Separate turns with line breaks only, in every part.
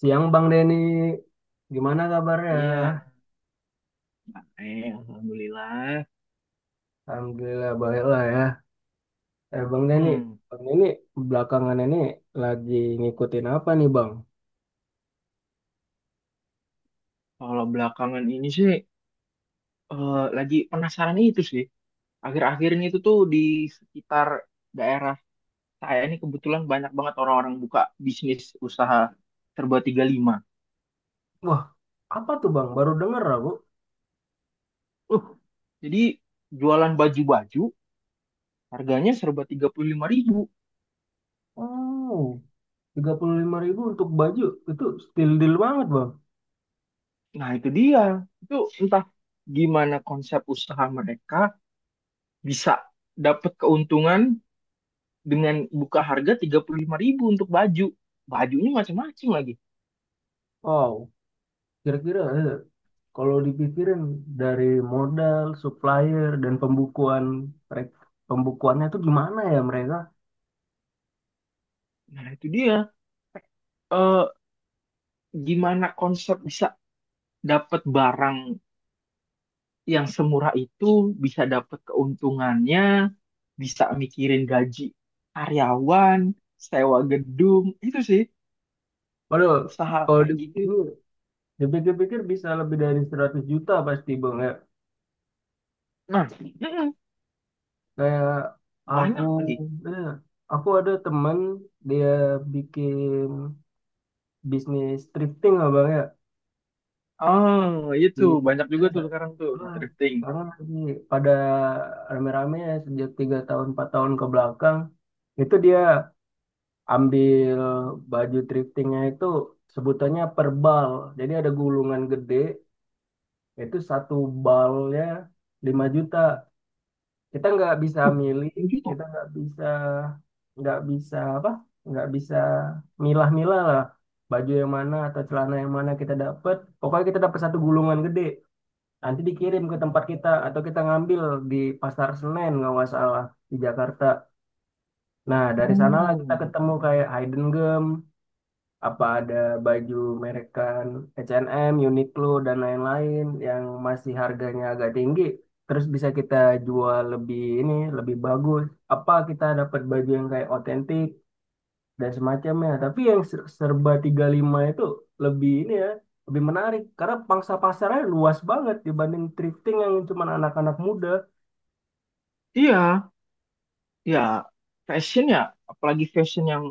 Siang Bang Denny, gimana
Iya,
kabarnya?
alhamdulillah.
Alhamdulillah baik lah ya. Eh, Bang Denny,
Hmm,
Bang Denny belakangan ini lagi ngikutin apa nih Bang?
Kalau belakangan ini sih lagi penasaran itu sih. Akhir-akhir ini itu tuh di sekitar daerah saya ini kebetulan banyak banget orang-orang buka bisnis usaha serba 35.
Wah, apa tuh Bang? Baru denger aku.
Uh, jadi jualan baju-baju harganya serba 35 ribu.
Oh, 35.000 untuk baju, itu still deal banget Bang.
Nah, itu dia. Itu entah gimana konsep usaha mereka bisa dapat keuntungan dengan buka harga 35 ribu untuk baju. Bajunya macam-macam lagi.
Wow, kira-kira kalau dipikirin dari modal, supplier, dan pembukuan, merek- pembukuannya itu gimana ya mereka?
Nah, itu dia. Eh, Gimana konsep bisa dapat barang yang semurah itu, bisa dapat keuntungannya, bisa mikirin gaji karyawan, sewa gedung, itu sih
Waduh,
usaha
kalau
kayak gitu.
ini dipikir-pikir bisa lebih dari 100 juta pasti Bang.
Nah,
Kayak aku,
banyak lagi.
eh, aku ada teman, dia bikin bisnis thrifting lah bang ya.
Oh,
di
itu banyak juga
eh,
tuh sekarang tuh
ah,
thrifting.
Sekarang lagi pada rame-rame ya sejak tiga tahun empat tahun ke belakang. Itu dia ambil baju thriftingnya itu, sebutannya per bal. Jadi ada gulungan gede, itu satu balnya 5 juta. Kita nggak bisa
Uh,
milih,
ini gitu.
kita nggak bisa apa nggak bisa milah-milah lah baju yang mana atau celana yang mana kita dapat. Pokoknya kita dapat satu gulungan gede, nanti dikirim ke tempat kita atau kita ngambil di Pasar Senen kalau nggak salah, di Jakarta. Nah dari sanalah kita
Hmm,
ketemu kayak Hidden Gem, apa ada baju merekan H&M, Uniqlo dan lain-lain yang masih harganya agak tinggi, terus bisa kita jual lebih ini lebih bagus, apa kita dapat baju yang kayak otentik dan semacamnya. Tapi yang serba 35 itu lebih ini ya, lebih menarik karena pangsa pasarnya luas banget dibanding thrifting yang cuma anak-anak muda.
iya. Ya, fashion ya, apalagi fashion yang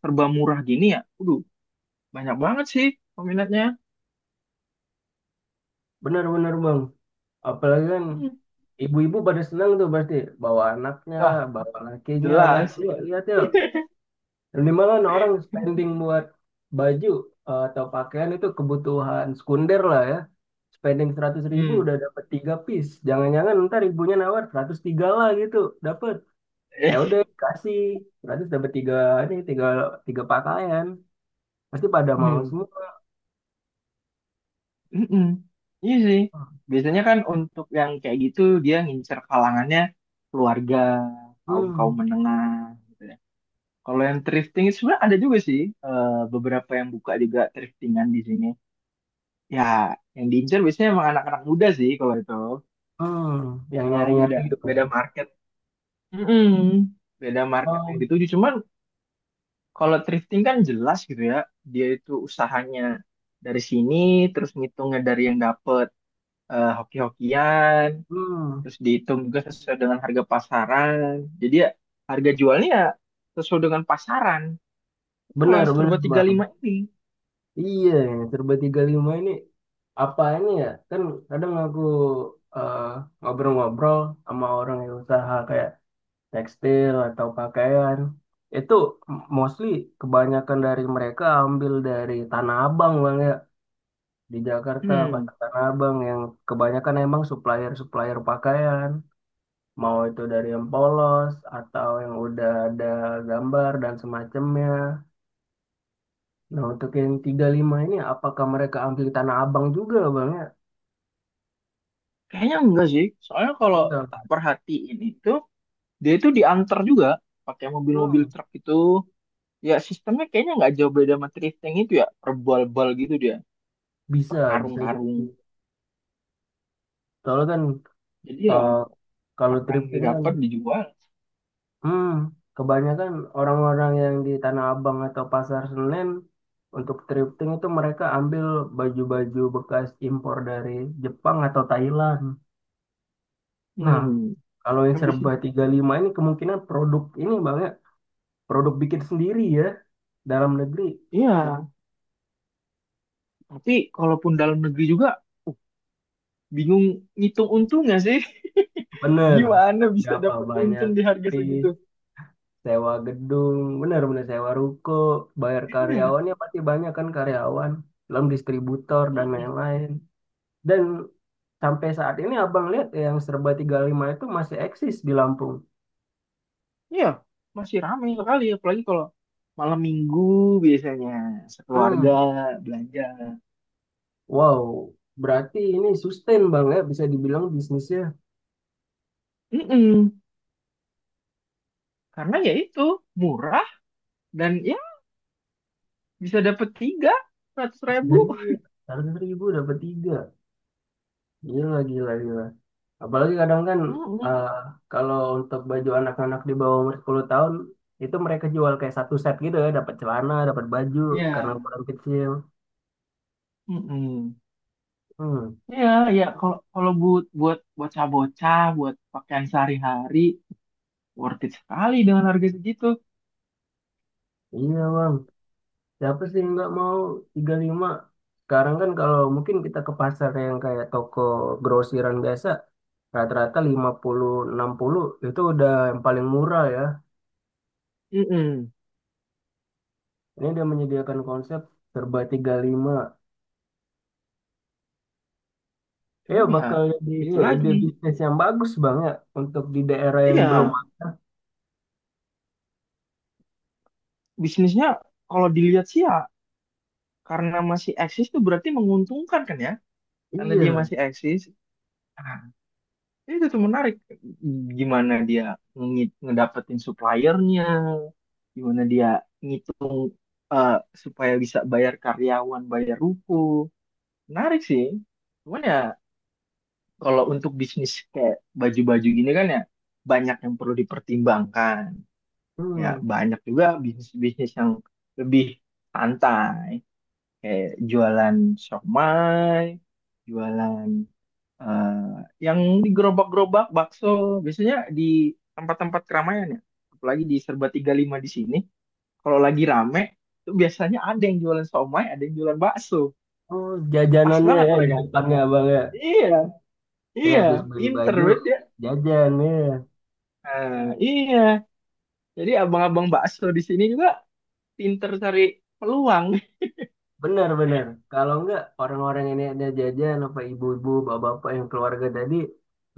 serba murah gini ya. Waduh, banyak banget sih peminatnya.
Benar-benar bang, apalagi kan
Hmm.
ibu-ibu pada senang tuh pasti, bawa anaknya,
Nah,
bawa lakinya pasti.
jelas.
Yuk, lihat yuk. Minimal orang spending buat baju atau pakaian itu kebutuhan sekunder lah ya. Spending 100 ribu
Hmm.
udah dapat 3 piece. Jangan-jangan ntar ibunya nawar 103 lah gitu. Dapat. Ya
Eh,
udah kasih 100 dapat tiga, ini 3 3 pakaian. Pasti pada mau
Hmm.
semua.
Mm-mm. Iya sih. Biasanya kan untuk yang kayak gitu dia ngincer kalangannya keluarga, kaum-kaum
Hmm.
menengah gitu ya. Kalau yang thrifting itu sebenarnya ada juga sih, eh, beberapa yang buka juga thriftingan di sini. Ya, yang diincar biasanya emang anak-anak muda sih kalau itu.
Hmm, yang
Emang
nyari-nyari
beda
gitu.
beda market. Mm-mm. Beda market yang
Oh.
dituju. Cuman kalau thrifting kan jelas gitu ya, dia itu usahanya dari sini, terus ngitungnya dari yang dapet, hoki-hokian,
Hmm.
terus dihitung juga sesuai dengan harga pasaran. Jadi ya harga jualnya ya sesuai dengan pasaran. Kalau
Benar,
yang
benar,
serba tiga puluh
Bang.
lima ini,
Iya, serba 35 ini apa ini ya kan, kadang aku eh, ngobrol-ngobrol sama orang yang usaha kayak tekstil atau pakaian, itu mostly kebanyakan dari mereka ambil dari Tanah Abang bang ya. Di Jakarta,
hmm,
pasar Tanah Abang yang kebanyakan emang supplier-supplier pakaian, mau itu dari yang polos atau yang udah ada gambar dan semacamnya. Nah untuk yang 35 ini apakah mereka ambil Tanah Abang juga bang ya.
kayaknya enggak sih. Soalnya kalau
Enggak.
tak perhatiin itu, dia itu diantar juga pakai mobil-mobil
Hmm.
truk itu. Ya sistemnya kayaknya nggak jauh beda sama thrifting itu ya, per bal gitu dia, per
Bisa, bisa
karung-karung.
jadi. Soalnya kan
Jadi ya
eh, kalau
apa yang
thrifting kan,
didapat dijual.
hmm, kebanyakan orang-orang yang di Tanah Abang atau Pasar Senen untuk thrifting itu mereka ambil baju-baju bekas impor dari Jepang atau Thailand. Nah,
Hmm,
kalau yang
Habis
serba
itu.
35 ini kemungkinan produk ini banyak, produk bikin sendiri ya, dalam negeri.
Iya, tapi kalaupun dalam negeri juga, uh, bingung ngitung untungnya sih.
Bener,
Gimana bisa
berapa
dapat
banyak
untung di harga segitu?
sewa gedung, benar-benar sewa ruko, bayar
Iya.
karyawannya pasti banyak kan karyawan, belum distributor dan
Mm-mm.
lain-lain. Dan sampai saat ini abang lihat yang serba 35 itu masih eksis di Lampung.
Iya, masih ramai sekali, apalagi kalau malam minggu biasanya sekeluarga
Hmm,
belanja.
wow, berarti ini sustain bang ya, bisa dibilang bisnisnya.
Mm-mm. Karena ya itu murah, dan ya bisa dapat tiga ratus
Ya,
ribu
iya, harga seribu dapat tiga. Gila, gila, gila. Apalagi kadang kan
Mm-mm.
eh, kalau untuk baju anak-anak di bawah umur 10 tahun, itu mereka jual kayak satu set gitu ya, dapat celana, dapat baju, karena
Ya.
ukuran kecil.
Mm-mm.
Hmm,
Ya, ya, kalau kalau buat buat bocah-bocah buat pakaian sehari-hari worth it sekali dengan harga segitu.
iya bang, siapa sih yang nggak mau tiga puluh lima. Sekarang kan kalau mungkin kita ke pasar yang kayak toko grosiran biasa, rata-rata 50, 60 itu udah yang paling murah ya.
mm
Ini dia menyediakan konsep serba tiga puluh lima. Ya
Cuman ya
bakal jadi
itu
ya, ide
lagi.
bisnis yang bagus banget untuk di daerah yang belum.
Iya, bisnisnya kalau dilihat sih ya, karena masih eksis tuh berarti menguntungkan kan ya, karena dia
Iya.
masih eksis. Iya, itu tuh menarik. Gimana dia ngedapetin suppliernya, gimana dia ngitung, eh, supaya bisa bayar karyawan, bayar ruko. Menarik sih. Cuman ya kalau untuk bisnis kayak baju-baju gini kan ya, banyak yang perlu dipertimbangkan.
Hmm.
Ya banyak juga bisnis-bisnis yang lebih santai. Kayak jualan siomay, jualan, Eh, yang di gerobak-gerobak bakso biasanya di tempat-tempat keramaian ya, apalagi di Serba 35 di sini kalau lagi rame itu biasanya ada yang jualan somai, ada yang jualan bakso,
Oh,
pas
jajanannya
banget
ya di
mereka.
depannya Abang ya.
Iya,
Ya
iya,
habis beli
pinter
baju,
banget ya.
jajan ya.
Nah, iya, jadi abang-abang bakso di sini juga pinter cari peluang.
Benar benar. Kalau enggak orang-orang ini ada jajan apa, ibu-ibu, bapak-bapak yang keluarga tadi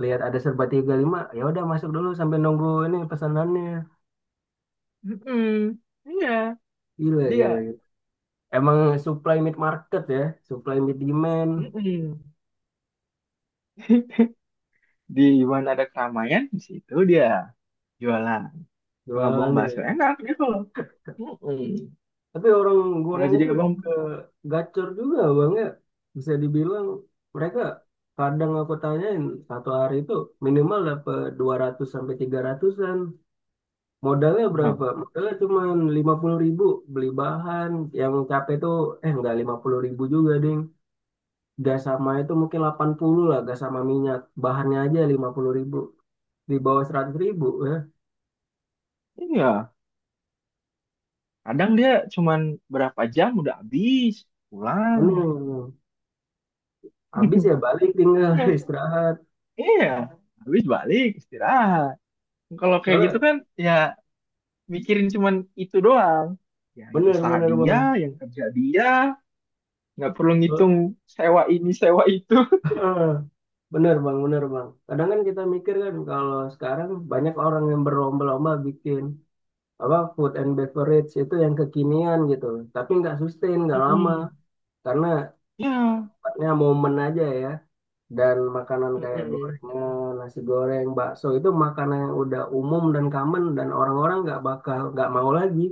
lihat ada serba 35, ya udah masuk dulu sampai nunggu ini pesanannya.
Mm-mm. Iya,
Gila,
jadi ya.
gila, gila. Emang supply mid market ya, supply mid demand
Mm-mm. Di mana ada keramaian di situ dia jualan. Kalau abang bakso
jualannya.
enak gitu loh. Mm-mm.
Tapi orang
Kalau
goreng
jadi
itu
abang,
juga gacor juga bang ya. Bisa dibilang mereka, kadang aku tanyain, satu hari itu minimal dapat 200 sampai 300-an. Modalnya
hah,
berapa? Modalnya cuma 50 ribu beli bahan. Yang capek itu, eh nggak 50 ribu juga ding. Gas sama itu mungkin 80 lah, gas sama minyak. Bahannya aja 50 ribu. Di bawah 100 ribu ya.
iya. Kadang dia cuman berapa jam udah habis, pulang.
Bener. Habis ya balik tinggal
Iya,
istirahat.
iya. Habis balik, istirahat. Kalau kayak gitu
Soalnya
kan, ya mikirin cuman itu doang. Yang usaha
bener-bener bang.
dia, yang kerja dia, nggak perlu ngitung sewa ini, sewa itu.
Eh, Bener bang, bener bang. Kadang kan kita mikir kan, kalau sekarang banyak orang yang berlomba-lomba bikin apa food and beverage itu yang kekinian gitu. Tapi nggak sustain, nggak lama.
Mm-mm.
Karena
Iya.
sifatnya momen aja ya. Dan makanan kayak
Mm-mm.
gorengan, nasi goreng, bakso itu makanan yang udah umum dan common, dan orang-orang nggak bakal nggak mau lagi.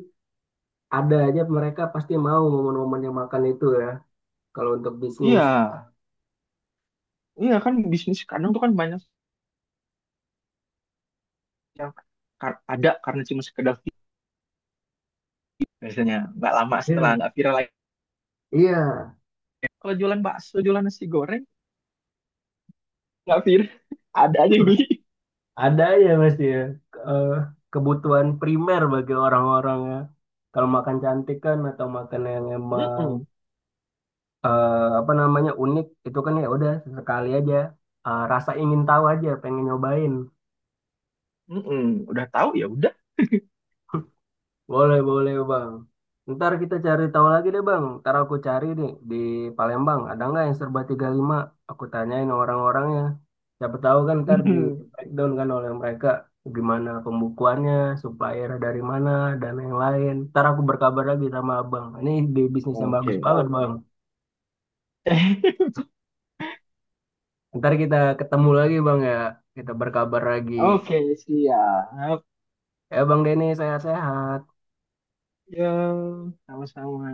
Ada aja mereka pasti mau momen-momen yang makan itu ya. Kalau untuk
Iya,
bisnis.
iya kan, bisnis kadang tuh kan banyak yang ada karena cuma sekedar viral, biasanya nggak lama setelah
Iya.
nggak viral lagi.
Iya.
Kalau jualan bakso, jualan nasi goreng nggak Fir, ada aja yang beli.
Ada ya pasti ya, eh, kebutuhan primer bagi orang-orang ya. Kalau makan cantik kan atau makan yang emang
Mm-mm.
apa namanya unik itu kan, ya udah sekali aja. Eh, rasa ingin tahu aja pengen nyobain.
Mm-mm. Udah tahu ya udah.
Boleh boleh bang. Ntar kita cari tahu lagi deh bang. Ntar aku cari nih di Palembang. Ada nggak yang serba 35? Aku tanyain orang-orangnya. Siapa tahu kan ntar di
Mm.
breakdown kan oleh mereka, gimana pembukuannya, supplier dari mana, dan yang lain. Ntar aku berkabar lagi sama abang. Ini di bisnis yang
Oke,
bagus banget
oke.
bang. Ntar kita ketemu lagi bang ya. Kita berkabar lagi.
Oke, siap.
Ya bang Denny, sehat-sehat.
Ya, sama-sama.